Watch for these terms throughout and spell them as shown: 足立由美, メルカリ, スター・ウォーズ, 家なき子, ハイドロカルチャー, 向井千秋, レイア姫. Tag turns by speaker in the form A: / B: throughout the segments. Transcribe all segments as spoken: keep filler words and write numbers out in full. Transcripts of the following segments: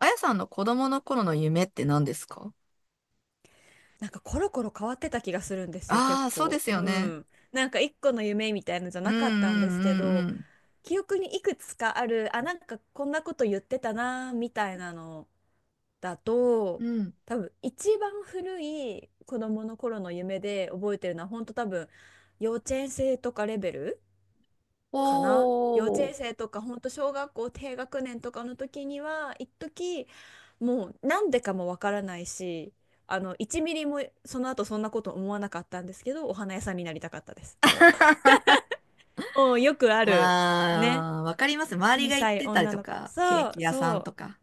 A: あやさんの子供の頃の夢って何ですか？
B: なんかコロコロ変わってた気がするんですよ、結
A: ああー、そうで
B: 構。
A: す
B: う
A: よね。
B: ん。なんか一個の夢みたいのじゃ
A: うん
B: なかったん
A: う
B: で
A: ん
B: すけ
A: う
B: ど、
A: ん
B: 記憶にいくつかある、あ、なんかこんなこと言ってたな、みたいなのだ
A: う
B: と、
A: ん。うん。
B: 多分一番古い子供の頃の夢で覚えてるのは、本当多分幼稚園生とかレベルかな。幼稚
A: おー。
B: 園生とか、本当小学校低学年とかの時には、一時もうなんでかもわからないし、あの、いちミリもその後そんなこと思わなかったんですけど、お花屋さんになりたかったです。もう、もうよくある、ね。
A: ああ、わかります。周り
B: 小
A: が行っ
B: さい
A: てたり
B: 女
A: と
B: の子。
A: か、ケー
B: そう、
A: キ屋さ
B: そ
A: ん
B: う。
A: とか。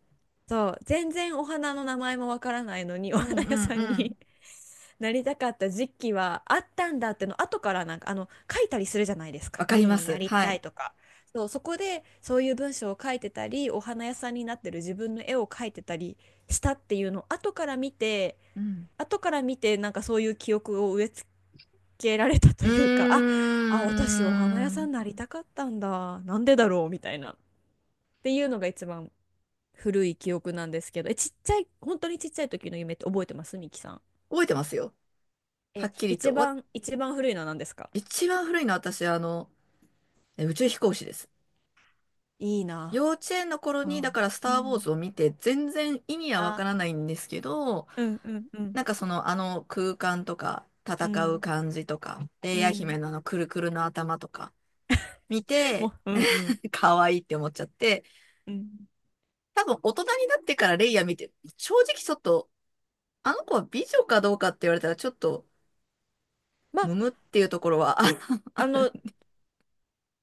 B: そう全然お花の名前もわからないのに お
A: うん
B: 花
A: う
B: 屋
A: ん
B: さん
A: うん。
B: に なりたかった時期はあったんだっての後から、なんかあの書いたりするじゃないですか、
A: わかり
B: 何
A: ま
B: に
A: す。
B: なり
A: は
B: た
A: い。
B: いとか。そう、そこでそういう文章を書いてたり、お花屋さんになってる自分の絵を描いてたりしたっていうのを後から見て、
A: うん。
B: 後から見てなんかそういう記憶を植え付けられたと
A: う
B: いうか、ああ私お花
A: ー
B: 屋さん
A: ん。
B: になりたかったんだ、なんでだろうみたいな、っていうのが一番古い記憶なんですけど、え、ちっちゃい、本当にちっちゃい時の夢って覚えてますミキさん。
A: 覚えてますよ。は
B: え、
A: っきり
B: 一
A: と。わ、
B: 番、一番古いのは何ですか？
A: 一番古いのは私、あの、え宇宙飛行士です。
B: いいな。
A: 幼稚園の頃
B: う
A: に、だか
B: ん。
A: らス
B: う
A: ター・ウォーズ
B: ん、
A: を見て、全然意味はわか
B: あ、
A: らないんですけど、
B: うんうんう
A: な
B: ん
A: んかその、あの空間とか、
B: う
A: 戦う
B: ん
A: 感じとか、レイ
B: う
A: ヤ姫
B: ん、
A: のあのくるくるの頭とか、見て、
B: もう、うんうん
A: 可愛いって思っちゃって、
B: うん。
A: 多分大人になってからレイヤ見て、正直ちょっと、あの子は美女かどうかって言われたらちょっと、
B: まあ
A: むむっていうところは、あ、
B: あの、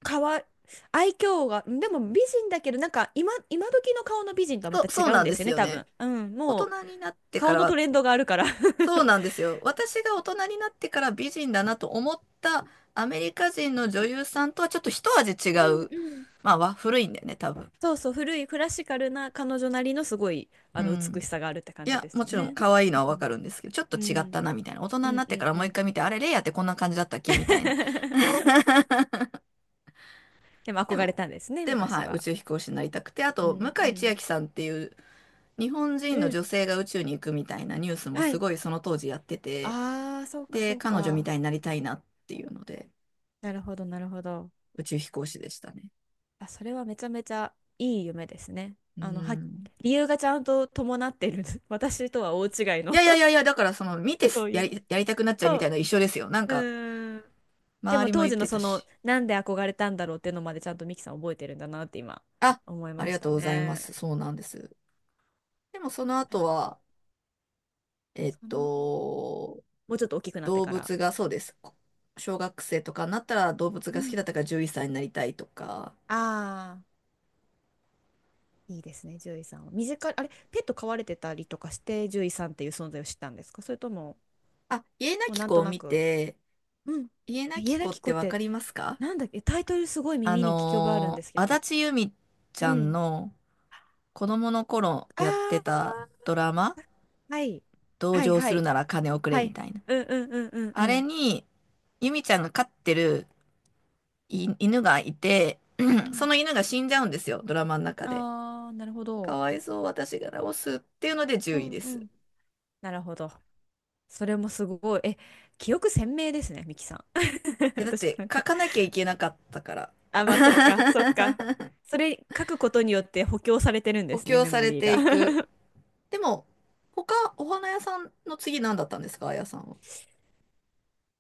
B: かわい、愛嬌がでも美人だけど、なんか今今時の顔の美人とはま
A: そ
B: た
A: う、
B: 違
A: そう
B: うん
A: なん
B: で
A: で
B: すよ
A: す
B: ね、
A: よ
B: 多
A: ね。
B: 分。うん、
A: 大
B: もう
A: 人になってか
B: 顔
A: ら
B: のト
A: は、
B: レンドがあるから。
A: そうなんで すよ。私が大人になってから美人だなと思ったアメリカ人の女優さんとはちょっと一味違
B: うん
A: う。
B: うん。
A: まあ、わ古いんだよね、多分。
B: そうそう、古いクラシカルな彼女なりのすごい
A: う
B: あの
A: ん。
B: 美しさがあるって感
A: い
B: じ
A: や、
B: です
A: も
B: よ
A: ちろん
B: ね。
A: 可愛いの
B: う
A: はわか
B: ん、
A: るんですけど、ちょっと
B: う
A: 違っ
B: ん、
A: たなみたいな。大人
B: う
A: に
B: ん、
A: なっ
B: う
A: てか
B: ん
A: ら
B: う
A: もう一回
B: ん。
A: 見て、あれ、レイヤーってこんな感じだったっけみたいな。
B: でも
A: で
B: 憧れ
A: も、
B: たんですね、
A: でも
B: 昔
A: はい、宇
B: は。
A: 宙飛行士になりたくて、あ
B: う
A: と、向
B: ん、う
A: 井千
B: ん、
A: 秋さんっていう日本人
B: う
A: の
B: ん。
A: 女性が宇宙に行くみたいなニュースも
B: は
A: す
B: い。
A: ごいその当時やってて、
B: ああ、そうか、
A: で、
B: そう
A: 彼女み
B: か。
A: たいになりたいなっていうので、
B: なるほど、なるほど。
A: 宇宙飛行士でしたね。
B: あ、それはめちゃめちゃいい夢ですね。
A: う
B: あの、は、
A: ん。
B: 理由がちゃんと伴っている。私とは大違い
A: い
B: の。
A: やいやいやいや、だからその、見 て
B: そ
A: す
B: うい
A: や
B: う。
A: り、やりたくなっちゃうみ
B: そ
A: たい
B: う。
A: な一緒ですよ。なん
B: う
A: か、
B: ーん。で
A: 周
B: も
A: りも
B: 当
A: 言っ
B: 時の
A: てた
B: その
A: し。
B: なんで憧れたんだろうっていうのまでちゃんとミキさん覚えてるんだなって今
A: あ、
B: 思い
A: あ
B: ま
A: り
B: し
A: がと
B: た
A: うございま
B: ね。
A: す。そうなんです。でもその後
B: え、
A: は、えっ
B: その、
A: と、
B: もうちょっと大きくなって
A: 動
B: から。
A: 物がそうです。こ小学生とかになったら動物
B: う
A: が好き
B: ん、
A: だったから獣医さんになりたいとか。
B: ああ、いいですね、獣医さんは。身近に、あれ、ペット飼われてたりとかして、獣医さんっていう存在を知ったんですか？それとも、
A: あ、家な
B: もう
A: き
B: なん
A: 子
B: と
A: を
B: な
A: 見
B: く、
A: て、
B: うん。
A: 家
B: え、
A: なき
B: 家な
A: 子っ
B: き子
A: て
B: っ
A: わ
B: て、
A: かりますか？
B: なんだっけ、タイトルすごい
A: あ
B: 耳に聞き覚えあるんで
A: の
B: すけ
A: ー、足
B: ど。
A: 立由美ち
B: う
A: ゃん
B: ん。
A: の子供の頃
B: あ
A: やってた
B: あ、
A: ドラマ、
B: はい。
A: 同
B: はい
A: 情
B: は
A: する
B: い。
A: なら金をくれ
B: は
A: み
B: い。
A: たいな。
B: うんうんうんうん
A: あ
B: う
A: れ
B: ん。
A: に、由美ちゃんが飼ってるい犬がいて、
B: う
A: そ
B: ん、
A: の犬が死んじゃうんですよ、ドラマの中で。
B: ああーなるほ
A: か
B: ど。
A: わいそう、私が直すっていうので10
B: う
A: 位
B: ん
A: で
B: う
A: す。
B: ん。なるほど。それもすごい。え、記憶鮮明ですね、ミキさん。
A: え、だっ
B: 私、
A: て
B: なん
A: 書
B: か、
A: かなきゃいけなかったから。
B: あ、まあ、そっか、そっか。それ書くことによって補強されてるんで
A: 補
B: すね、
A: 強
B: メ
A: さ
B: モ
A: れ
B: リー
A: て
B: が。
A: いく。でも、他、お花屋さんの次何だったんですか、あやさんは？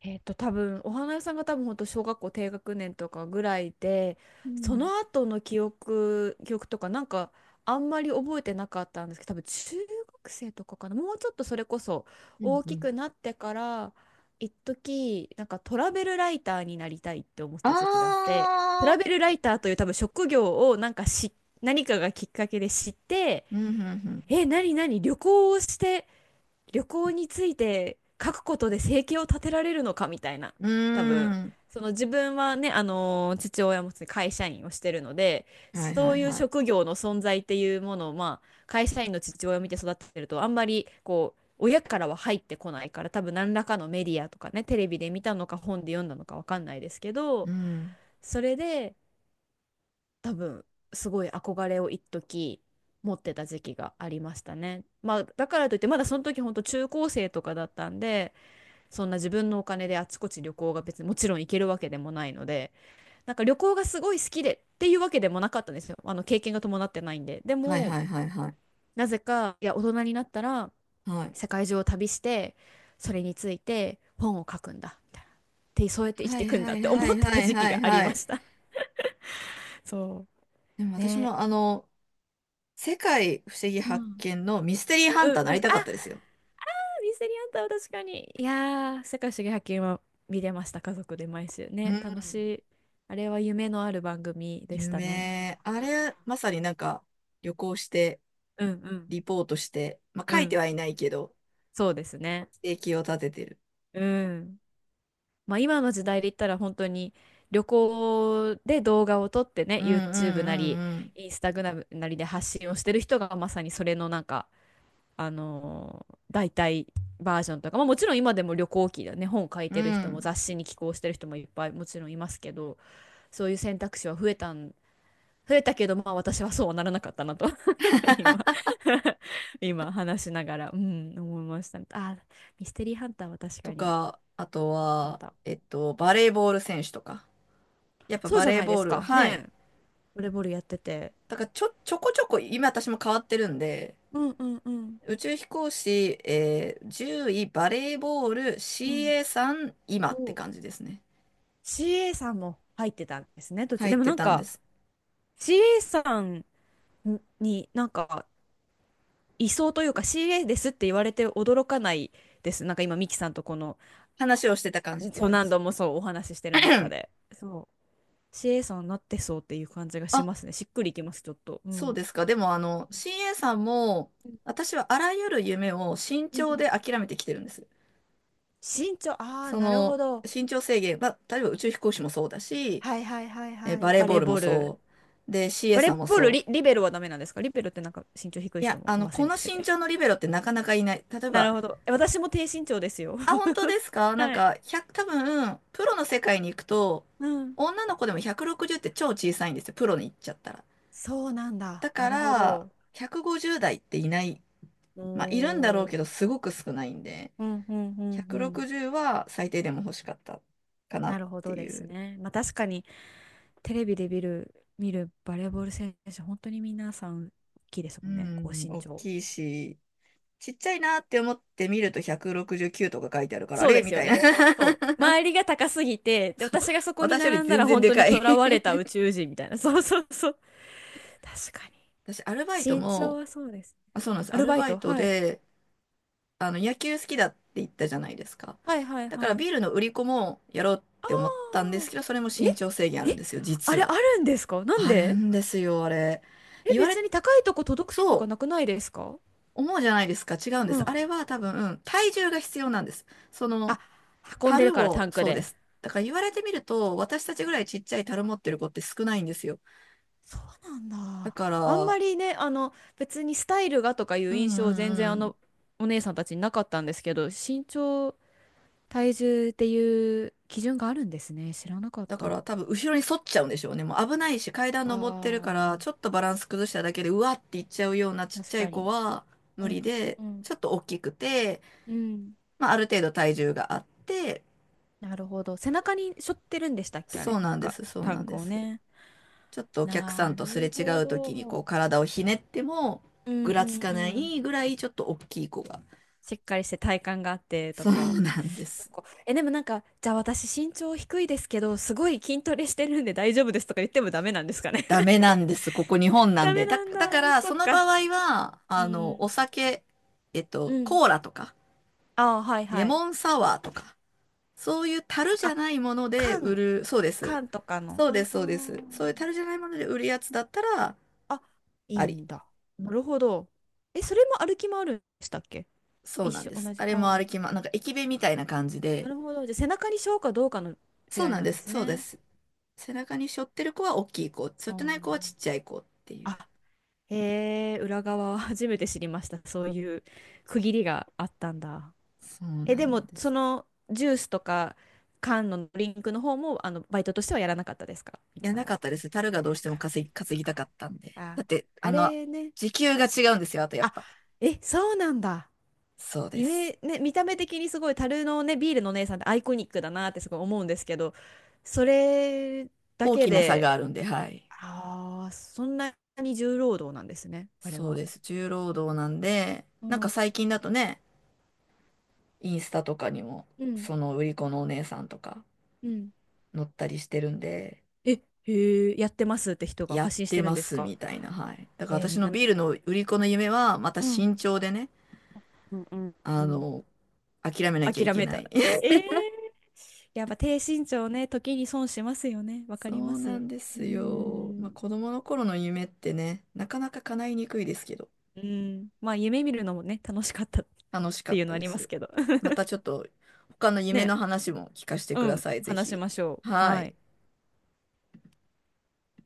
B: えっと、多分、お花屋さんが多分本当小学校低学年とかぐらいで、
A: う
B: そ
A: ん。
B: の後の記憶、記憶とか、なんかあんまり覚えてなかったんですけど、多分中学生とかかな。もうちょっとそれこそ
A: うん
B: 大
A: う
B: き
A: ん。
B: くなってから、一時、なんかトラベルライターになりたいって思って
A: あ
B: た時期があって、トラ
A: あ、
B: ベルライターという多分職業をなんかし、何かがきっかけで知って、
A: うん、うん、
B: え、何、何旅行をして、旅行について書くことで生計を立てられるのかみたいな。
A: う
B: 多分
A: ん。うーん。
B: その、自分はね、あのー父親も会社員をしてるので、
A: はい
B: そ
A: はい
B: ういう
A: はい。
B: 職業の存在っていうものを、まあ会社員の父親を見て育ってるとあんまりこう親からは入ってこないから、多分何らかのメディアとかね、テレビで見たのか本で読んだのかわかんないですけ
A: う
B: ど、
A: ん。
B: それで多分すごい憧れを一時持ってた時期がありましたね。まあだからといってまだその時本当中高生とかだったんで、そんな自分のお金であちこち旅行が別にもちろん行けるわけでもないので、なんか旅行がすごい好きでっていうわけでもなかったんですよ。あの経験が伴ってないんで。で
A: はい
B: も
A: はいはいはい。
B: なぜか、いや大人になったら
A: はい。
B: 世界中を旅してそれについて本を書くんだみたいな。でそうやって生き
A: は
B: てい
A: い
B: くん
A: は
B: だっ
A: い
B: て
A: は
B: 思っ
A: い
B: て
A: は
B: た
A: い
B: 時期
A: はい
B: があり
A: は
B: ま
A: い。
B: した。そ
A: でも
B: う。
A: 私
B: ね。
A: もあの、世界不思議
B: う
A: 発
B: ん。
A: 見のミステリーハ
B: う
A: ンタ
B: ん
A: ーな
B: うん。
A: りた
B: あ、
A: かったですよ。
B: ミステリーハンターは確かに。いやー、世界不思議発見は見れました、家族で毎週ね。楽しい。あれは夢のある番組でしたね。
A: 夢、あれ、まさになんか旅行して、
B: うんうん
A: リポートして、まあ
B: う
A: 書いて
B: ん。
A: はいないけど、
B: そうですね。
A: 生計を立ててる。
B: うん。まあ今の時代で言ったら本当に旅行で動画を撮ってね、
A: うん
B: YouTube なり、
A: うん
B: Instagram なりで発信をしてる人がまさにそれのなんか、あのー代替バージョンとか。まあ、もちろん今でも旅行記だね、本書い
A: うん
B: て
A: う
B: る
A: ん。う
B: 人も
A: ん。
B: 雑誌に寄稿してる人もいっぱいもちろんいますけど、そういう選択肢は増えたん、増えたけど、まあ私はそうはならなかったなと 今 今話しながら、うん、思いました。あ、ミステリーハンターは確
A: と
B: かに
A: か、あと
B: あっ
A: は、
B: た。
A: えっと、バレーボール選手とか。やっぱ
B: そう
A: バ
B: じゃ
A: レー
B: ないで
A: ボー
B: す
A: ル、
B: か。ね
A: はい。
B: え、ボレボールやってて。
A: だからちょ、ちょこちょこ、今私も変わってるんで、
B: うんうんうん。
A: 宇宙飛行士、えー、じゅういバレーボール
B: う
A: c
B: ん。
A: a ん今って
B: お、
A: 感じですね。
B: シーエー さんも入ってたんですね、途中。
A: 入
B: で
A: っ
B: も
A: て
B: なん
A: たんで
B: か、
A: す。
B: シーエー さんになんか、いそうというか、 シーエー ですって言われて驚かないです。なんか今、ミキさんとこの、
A: 話をしてた感じって
B: そう
A: 感じで
B: 何
A: す。
B: 度もそうお話ししてる中で。そう、シエさんなってそうっていう感じがし
A: あ
B: ますね。しっくりいきます、ちょっと。う
A: そう
B: ん。
A: ですか。でも、あの、シーエー さんも、私はあらゆる夢を慎
B: う
A: 重
B: ん。
A: で諦めてきてるんです。
B: 身長、ああ、
A: そ
B: なるほ
A: の、
B: ど。
A: 身長制限、まあ、例えば宇宙飛行士もそうだし、
B: はいはいはい
A: えー
B: は
A: バ
B: い。
A: レー
B: バ
A: ボ
B: レ
A: ー
B: ー
A: ルも
B: ボール。
A: そう。で、シーエー
B: バレ
A: さん
B: ー
A: も
B: ボール
A: そ
B: リ、
A: う。
B: リベロはダメなんですか？リベロってなんか身長低い
A: い
B: 人
A: や、
B: も
A: あ
B: い
A: の、
B: ませ
A: こ
B: ん
A: の
B: でしたっ
A: 身
B: け？
A: 長のリベロってなかなかいない。例え
B: な
A: ば、
B: るほど。え、私も低身長ですよ。
A: あ、本 当ですか？なん
B: はい。
A: か、ひゃく、多分、プロの世界に行くと、
B: うん。
A: 女の子でもひゃくろくじゅうって超小さいんですよ。プロに行っちゃったら。
B: そうなんだ。
A: だ
B: な
A: か
B: るほ
A: ら、
B: ど。
A: ひゃくごじゅう代っていない。
B: お
A: まあ、いるんだろう
B: ー、
A: けど、すごく少ないんで。
B: うんうんうんうん。
A: ひゃくろくじゅうは最低でも欲しかったかな
B: な
A: っ
B: るほ
A: て
B: どで
A: い
B: す
A: う。
B: ね。まあ確かにテレビで見る、見るバレーボール選手、本当に皆さん大きいです
A: う
B: もんね。高
A: ん、
B: 身
A: 大
B: 長。
A: きいし、ちっちゃいなって思って見るとひゃくろくじゅうきゅうとか書いてあるから、あ
B: そう
A: れ
B: で
A: み
B: すよ
A: たいな。
B: ね。そう。周りが高すぎて、で、私がそ こに
A: 私より
B: 並んだ
A: 全
B: ら
A: 然
B: 本
A: で
B: 当
A: か
B: に囚
A: い
B: われた宇宙人みたいな。そうそうそう。確かに。
A: 私、アルバイト
B: 身長
A: も、
B: はそうです。
A: あ、そうなんです。
B: ア
A: ア
B: ル
A: ル
B: バイ
A: バイ
B: ト、
A: ト
B: はい。
A: で、あの、野球好きだって言ったじゃないですか。
B: はいはい
A: だから
B: はい。
A: ビールの売り子もやろうっ
B: あ
A: て思ったんで
B: あ。
A: すけど、それも
B: え
A: 身長制限あるん
B: え、
A: ですよ、
B: あ
A: 実
B: れあ
A: は。
B: るんですか？なん
A: ある
B: で？
A: んですよ、あれ。
B: え、
A: 言わ
B: 別
A: れ、
B: に高いとこ届くとか
A: そ
B: な
A: う。
B: くないですか？
A: 思うじゃないですか。違うんで
B: う
A: す。
B: ん。
A: あれは多分、体重が必要なんです。そ
B: あ、
A: の、
B: 運んでる
A: 樽
B: からタ
A: を、
B: ンク
A: そうで
B: で。
A: す。だから言われてみると、私たちぐらいちっちゃい樽持ってる子って少ないんですよ。
B: そうなん
A: だ
B: だ。
A: か
B: あん
A: ら、
B: まりね、あの、別にスタイルがとかい
A: う
B: う
A: ん
B: 印
A: う
B: 象全然
A: んう
B: あ
A: ん。
B: の、お姉さんたちになかったんですけど、身長体重っていう基準があるんですね。知らなかっ
A: だか
B: た。
A: ら
B: あ
A: 多分、後ろに反っちゃうんでしょうね。もう危ないし、階段登ってるから、
B: あ、
A: ちょっとバランス崩しただけで、うわっていっちゃうようなちっち
B: 確
A: ゃい
B: か
A: 子
B: に。
A: は
B: う
A: 無
B: ん
A: 理で、
B: うん
A: ちょっと大きくて、
B: うん。うん、
A: まあ、ある程度体重があって、
B: なるほど。背中に背負ってるんでしたっけ、あ
A: そ
B: れ。
A: う
B: な
A: な
B: ん
A: んで
B: か、
A: す、そう
B: タ
A: な
B: ン
A: ん
B: ク
A: で
B: を
A: す。
B: ね。
A: ちょっとお客さ
B: な
A: んとすれ
B: る
A: 違
B: ほ
A: う時にこ
B: ど。
A: う体をひねっても
B: うん
A: ぐ
B: う
A: らつ
B: ん
A: か
B: う
A: な
B: ん。
A: いぐらいちょっと大きい子が。
B: しっかりして体幹があってと
A: そ
B: か。
A: うなんで
B: そ
A: す。
B: こ。え、でもなんか、じゃあ私身長低いですけど、すごい筋トレしてるんで大丈夫ですとか言ってもダメなんですかね。
A: ダメ なんです。ここ日本なん
B: ダメ
A: で。だ、
B: なん
A: だか
B: だ。
A: ら
B: そ
A: そ
B: っ
A: の場
B: か。
A: 合は、
B: う
A: あの、お
B: ん。
A: 酒、えっ
B: う
A: と、
B: ん。
A: コーラとか、
B: ああ、はい
A: レ
B: はい。
A: モンサワーとか、そういう樽じゃ
B: あ、
A: ないもので売
B: 缶
A: る、そうです。
B: 缶とかの。
A: そうで
B: あ
A: す、
B: あ。
A: そうです。そういう樽じゃないもので売るやつだったら、
B: あ、い
A: あ
B: い
A: り。
B: んだ。なるほど。え、それも歩き回るんでしたっけ？
A: そう
B: 一
A: なん
B: 緒、
A: です。
B: 同
A: あ
B: じ。
A: れ
B: あ
A: も
B: あ。
A: 歩きま、なんか駅弁みたいな感じで、
B: なるほど。じゃあ、背中にしようかどうかの違い
A: そうなん
B: なん
A: で
B: で
A: す、
B: す
A: そうで
B: ね。
A: す。背中に背負ってる子は大きい子、背
B: あ
A: 負っ
B: ー、
A: てない子はちっちゃい子っていう。
B: あ、へえ、裏側は 初めて知りました。そういう区切りがあったんだ。
A: そう
B: え、
A: な
B: で
A: ん
B: も、
A: で
B: そ
A: す。
B: のジュースとか缶のドリンクの方も、あの、バイトとしてはやらなかったですか、ミ
A: い
B: キ
A: や、
B: さ
A: な
B: ん
A: かっ
B: は。
A: たです。樽がどう
B: そ
A: し
B: っ
A: ても
B: か、
A: 稼ぎ、稼
B: そっ
A: ぎた
B: か。
A: かったんで。だ
B: あ、
A: って、あ
B: あ
A: の、
B: れね。
A: 時給が違うんですよ。あとやっ
B: あ、
A: ぱ。
B: え、そうなんだ。
A: そうで
B: イ
A: す。
B: メ、ね、見た目的にすごい樽のね、ビールのお姉さんってアイコニックだなってすごい思うんですけど、それだ
A: 大
B: け
A: きな差があ
B: で、
A: るんで、はい。
B: ああ、そんなに重労働なんですね、あれ
A: そう
B: は。
A: です。重労働なんで、
B: う
A: なんか
B: ん。
A: 最近だとね、インスタとかにも、
B: うん、
A: その売り子のお姉さんとか
B: うん。
A: 載ったりしてるんで、
B: え、へえ、やってますって人が
A: やっ
B: 発信し
A: て
B: てるん
A: ま
B: です
A: す
B: か？
A: みたいな、はい。だから
B: えー
A: 私
B: みん
A: の
B: な、
A: ビールの売り子の夢は、また
B: う
A: 慎
B: ん、
A: 重でね、
B: うん、うん、う
A: あ
B: ん。
A: の、諦めなきゃい
B: 諦
A: け
B: め
A: な
B: た。
A: い。
B: え え、やっぱ低身長ね、時に損しますよね。わか
A: そ
B: りま
A: うな
B: す。
A: んで
B: う
A: すよ。まあ、
B: ん。
A: 子供の頃の夢ってね、なかなか叶いにくいですけど、
B: うん。まあ、夢見るのもね、楽しかったっ
A: 楽しか
B: て
A: っ
B: いう
A: た
B: のあ
A: で
B: ります
A: す。
B: けど。
A: また ちょっと他の夢
B: ね、
A: の話も聞かせてく
B: う
A: だ
B: ん、
A: さい、ぜ
B: 話し
A: ひ。
B: ましょう。
A: は
B: はい。
A: い。